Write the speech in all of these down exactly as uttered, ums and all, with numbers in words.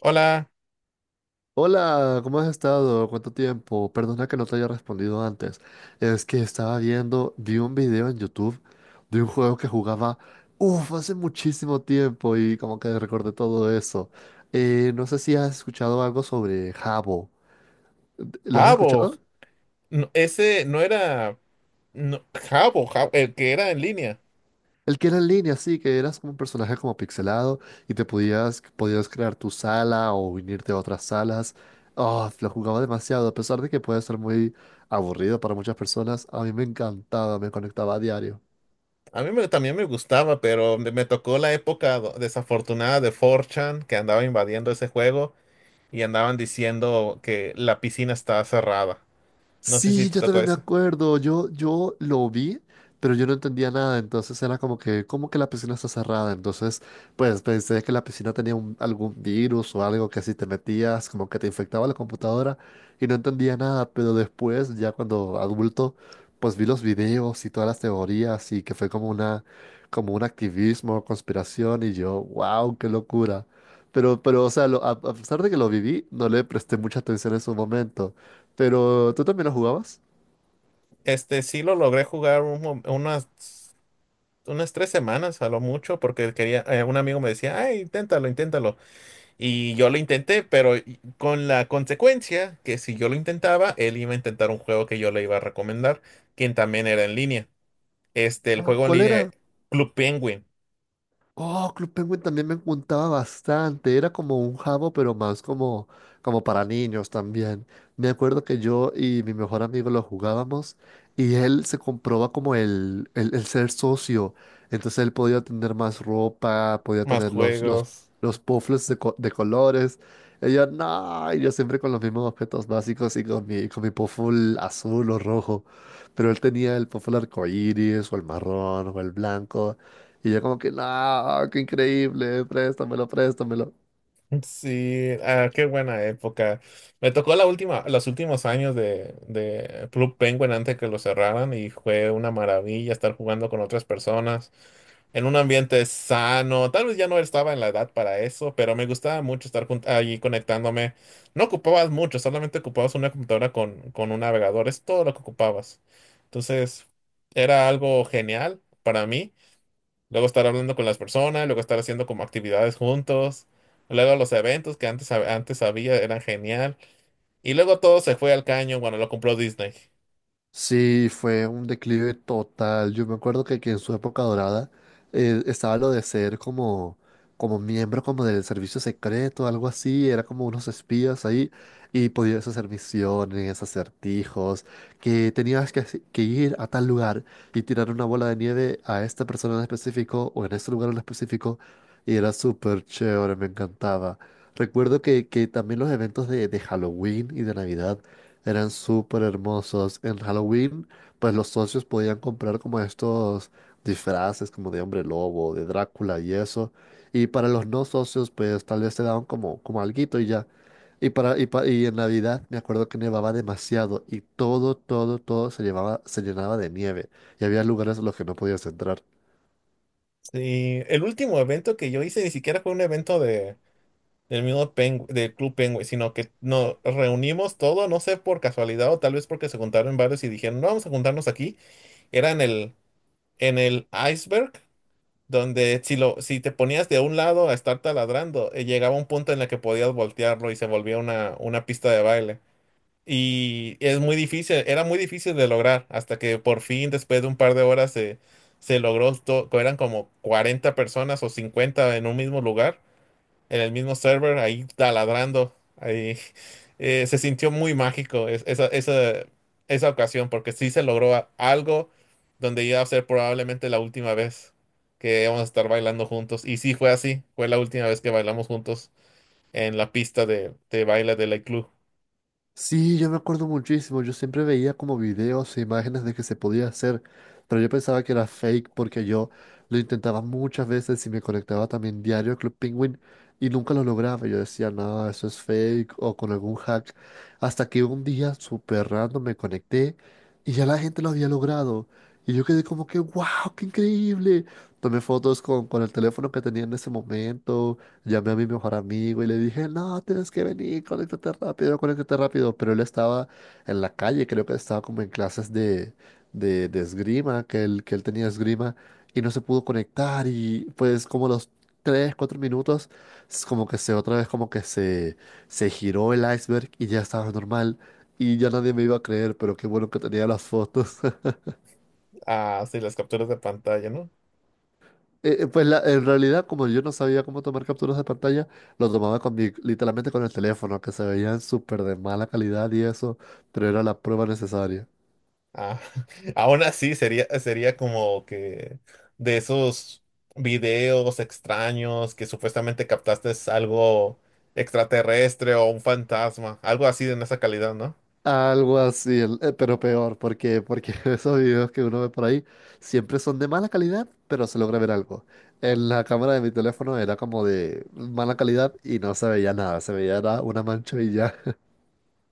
Hola, Hola, ¿cómo has estado? ¿Cuánto tiempo? Perdona que no te haya respondido antes. Es que estaba viendo, vi un video en YouTube de un juego que jugaba, uff, hace muchísimo tiempo y como que recordé todo eso. Eh, no sé si has escuchado algo sobre Habbo. ¿Lo has Jabo. escuchado? No, ese no era no, Jabo, Ja- el que era en línea. El que era en línea, sí, que eras como un personaje como pixelado y te podías, podías crear tu sala o unirte a otras salas. Oh, lo jugaba demasiado, a pesar de que puede ser muy aburrido para muchas personas, a mí me encantaba, me conectaba a diario. A mí me- también me gustaba, pero me, me tocó la época do- desafortunada de four chan que andaba invadiendo ese juego y andaban diciendo que la piscina estaba cerrada. No sé si Sí, te yo tocó también me ese. acuerdo. Yo, yo lo vi, pero yo no entendía nada. Entonces era como que, como que la piscina está cerrada. Entonces, pues pensé que la piscina tenía un- algún virus o algo que si te metías, como que te infectaba la computadora y no entendía nada. Pero después, ya cuando adulto, pues vi los videos y todas las teorías y que fue como una, como un activismo, conspiración y yo, wow, qué locura. Pero, pero, o sea, lo- a a pesar de que lo viví, no le presté mucha atención en su momento. Pero tú también lo jugabas. Este sí lo logré jugar un mom- unas, unas tres semanas a lo mucho porque quería, eh, un amigo me decía, ay, inténtalo, inténtalo. Y yo lo intenté, pero y- con la consecuencia que si yo lo intentaba, él iba a intentar un juego que yo le iba a recomendar, quien también era en línea. Este, el Ah, juego en ¿cuál línea, era? Club Penguin, Oh, Club Penguin también me encantaba bastante. Era como un jabo, pero más como, como para niños también. Me acuerdo que yo y mi mejor amigo lo jugábamos y él se comprobaba como el, el, el ser socio. Entonces él podía tener más ropa, podía más tener los, los, juegos. los puffles de, co- de colores. Y yo, no, y yo siempre con los mismos objetos básicos y con mi, con mi puffle azul o rojo. Pero él tenía el puffle arcoíris o el marrón o el blanco. Y yo como que, no, qué increíble, préstamelo, préstamelo. Sí, ah, qué buena época. Me tocó la última, los últimos años de, de Club Penguin antes que lo cerraran y fue una maravilla estar jugando con otras personas en un ambiente sano. Tal vez ya no estaba en la edad para eso, pero me gustaba mucho estar jun- allí conectándome. No ocupabas mucho, solamente ocupabas una computadora con, con un navegador, es todo lo que ocupabas. Entonces, era algo genial para mí. Luego estar hablando con las personas, luego estar haciendo como actividades juntos. Luego los eventos que antes, hab- antes había eran genial. Y luego todo se fue al caño cuando lo compró Disney. Sí, fue un declive total. Yo me acuerdo que, que en su época dorada eh, estaba lo de ser como, como miembro como del servicio secreto, algo así. Era como unos espías ahí y podías hacer misiones, acertijos, que tenías que, hace- que ir a tal lugar y tirar una bola de nieve a esta persona en específico o en este lugar en específico. Y era súper chévere, me encantaba. Recuerdo que, que también los eventos de, de Halloween y de Navidad. Eran súper hermosos. En Halloween, pues los socios podían comprar como estos disfraces como de hombre lobo, de Drácula y eso. Y para los no socios, pues tal vez te daban como, como alguito y ya. Y, para, y, pa- y en Navidad me acuerdo que nevaba demasiado y todo, todo, todo se llevaba, se llenaba de nieve y había lugares a los que no podías entrar. Sí, el último evento que yo hice ni siquiera fue un evento de del mismo Pengu- del Club Penguin, sino que nos reunimos todo, no sé por casualidad o tal vez porque se juntaron varios y dijeron, no, vamos a juntarnos aquí. Era en el, en el iceberg, donde si, lo, si te ponías de un lado a estar taladrando, eh, llegaba un punto en el que podías voltearlo y se volvía una, una pista de baile. Y es muy difícil, era muy difícil de lograr, hasta que por fin, después de un par de horas, se, se logró, to- eran como cuarenta personas o cincuenta en un mismo lugar en el mismo server, ahí taladrando, ahí, eh, se sintió muy mágico es- esa, esa, esa ocasión, porque sí se logró a- algo donde iba a ser probablemente la última vez que íbamos a estar bailando juntos. Y sí fue así, fue la última vez que bailamos juntos en la pista de, de baile de la club. Sí, yo me acuerdo muchísimo. Yo siempre veía como videos e imágenes de que se podía hacer, pero yo pensaba que era fake porque yo lo intentaba muchas veces y me conectaba también diario a Club Penguin y nunca lo lograba. Yo decía, no, eso es fake o con algún hack. Hasta que un día, súper random, me conecté y ya la gente lo había logrado. Y yo quedé como que, wow, qué increíble. Tomé fotos con, con el teléfono que tenía en ese momento. Llamé a mi mejor amigo y le dije, no, tienes que venir, conéctate rápido, conéctate rápido. Pero él estaba en la calle, creo que estaba como en clases de, de, de esgrima, que él, que él tenía esgrima, y no se pudo conectar. Y pues como los tres, cuatro minutos, es como que se otra vez como que se, se giró el iceberg y ya estaba normal. Y ya nadie me iba a creer, pero qué bueno que tenía las fotos. Ah, sí, las capturas de pantalla, ¿no? Eh, eh, pues la- en realidad, como yo no sabía cómo tomar capturas de pantalla, lo tomaba con mi, literalmente con el teléfono, que se veían súper de mala calidad y eso, pero era la prueba necesaria. Ah, aún así sería, sería como que de esos videos extraños que supuestamente captaste es algo extraterrestre o un fantasma, algo así de esa calidad, ¿no? Algo así, el- eh, pero peor, porque, porque esos videos que uno ve por ahí siempre son de mala calidad, pero se logra ver algo. En la cámara de mi teléfono era como de mala calidad y no se veía nada, se veía era una mancha.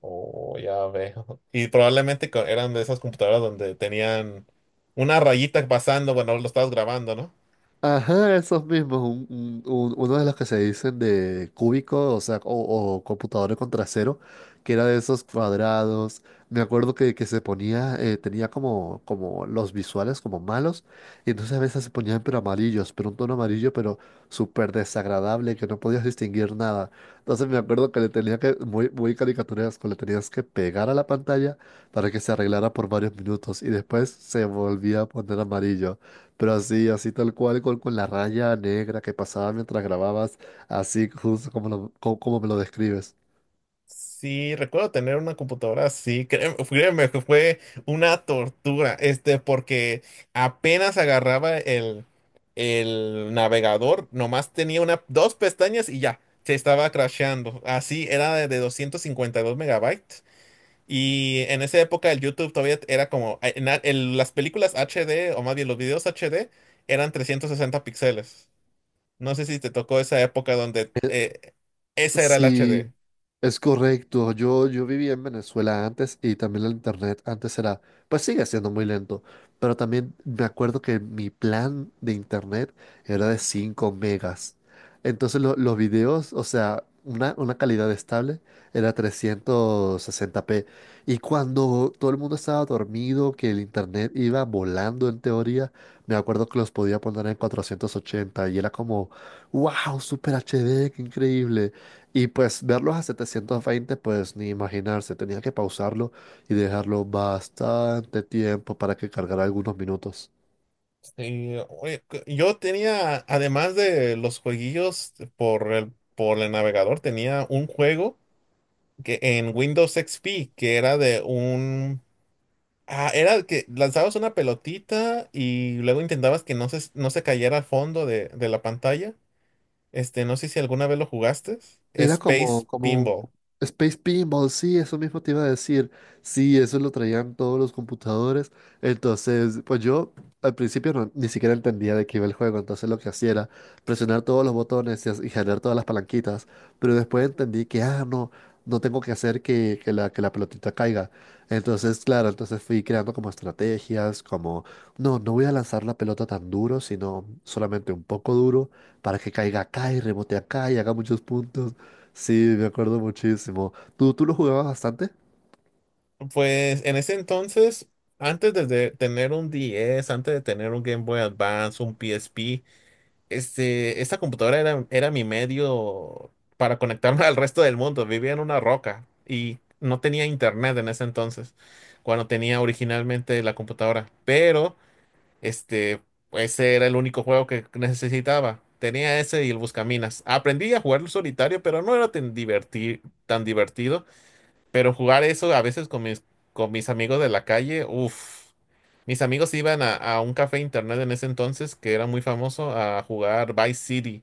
Oh, ya veo. Y probablemente co- eran de esas computadoras donde tenían una rayita pasando, bueno, lo estabas grabando, ¿no? Ajá, esos mismos, un- un- un- uno de los que se dicen de cúbico, o sea, o, o computadora con trasero, que era de esos cuadrados. Me acuerdo que, que se ponía, eh, tenía como, como, los visuales como malos, y entonces a veces se ponían pero amarillos, pero un tono amarillo, pero súper desagradable, que no podías distinguir nada. Entonces me acuerdo que le tenía que, muy, muy caricaturesco, le tenías que pegar a la pantalla para que se arreglara por varios minutos, y después se volvía a poner amarillo. Pero así, así tal cual, con, con la raya negra que pasaba mientras grababas, así justo como, lo- co- como me lo describes. Sí, recuerdo tener una computadora así, créeme, créeme que fue una tortura, este, porque apenas agarraba el, el navegador, nomás tenía una, dos pestañas y ya, se estaba crasheando. Así era de, de doscientos cincuenta y dos megabytes. Y en esa época el YouTube todavía era como, en la- en las películas H D, o más bien los videos H D, eran trescientos sesenta píxeles. No sé si te tocó esa época donde eh, esa era el Sí, H D. es correcto, yo, yo vivía en Venezuela antes y también el internet antes era, pues sigue siendo muy lento, pero también me acuerdo que mi plan de internet era de cinco megas. Entonces lo- los videos, o sea, una, una calidad estable era trescientos sesenta p. Y cuando todo el mundo estaba dormido, que el internet iba volando en teoría, me acuerdo que los podía poner en cuatrocientos ochenta y era como, wow, super H D, qué increíble. Y pues verlos a setecientos veinte pues ni imaginarse, tenía que pausarlo y dejarlo bastante tiempo para que cargara algunos minutos. Y, oye, que- yo tenía, además de los jueguillos por el, por el navegador, tenía un juego que en Windows X P que era de un... Ah, era que lanzabas una pelotita y luego intentabas que no se, no se cayera al fondo de, de la pantalla. Este, no sé si alguna vez lo jugaste. Era Space como, como un Pinball. Space Pinball, sí, eso mismo te iba a decir. Sí, eso lo traían todos los computadores. Entonces, pues yo al principio no- ni siquiera entendía de qué iba el juego. Entonces lo que hacía era presionar todos los botones y, as- y jalar todas las palanquitas. Pero después entendí que, ah, no, no tengo que hacer que, que la, que la pelotita caiga. Entonces, claro, entonces fui creando como estrategias, como, no, no voy a lanzar la pelota tan duro, sino solamente un poco duro para que caiga acá y rebote acá y haga muchos puntos. Sí, me acuerdo muchísimo. ¿Tú, tú lo jugabas bastante? Pues en ese entonces, antes de de tener un diez, antes de tener un Game Boy Advance, un P S P, este, esta computadora era, era mi medio para conectarme al resto del mundo. Vivía en una roca y no tenía internet en ese entonces, cuando tenía originalmente la computadora. Pero, este, ese era el único juego que necesitaba. Tenía ese y el Buscaminas. Aprendí a jugarlo solitario, pero no era tan diverti- tan divertido, pero jugar eso a veces con mis, con mis amigos de la calle, uff. Mis amigos iban a, a un café internet en ese entonces que era muy famoso a jugar Vice City,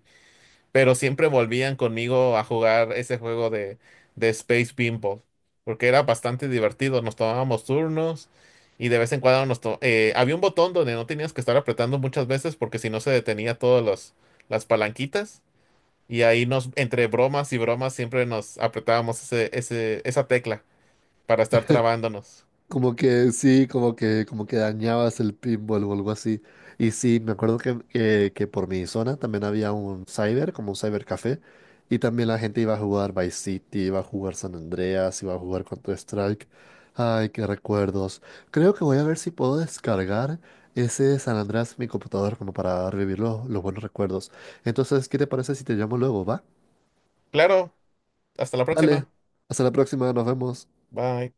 pero siempre volvían conmigo a jugar ese juego de, de Space Pinball, porque era bastante divertido. Nos tomábamos turnos y de vez en cuando nos to- eh, había un botón donde no tenías que estar apretando muchas veces porque si no se detenía todas las las palanquitas y ahí nos, entre bromas y bromas, siempre nos apretábamos ese, ese, esa tecla para estar trabándonos. Como que sí, como que, como que dañabas el pinball o algo así. Y sí, me acuerdo que, que, que por mi zona también había un cyber, como un cybercafé. Y también la gente iba a jugar Vice City, iba a jugar San Andreas, iba a jugar Counter-Strike. Ay, qué recuerdos. Creo que voy a ver si puedo descargar ese San Andreas en mi computador como para revivir los, los buenos recuerdos. Entonces, ¿qué te parece si te llamo luego, va? Claro, hasta la Dale, próxima. hasta la próxima, nos vemos. Bye.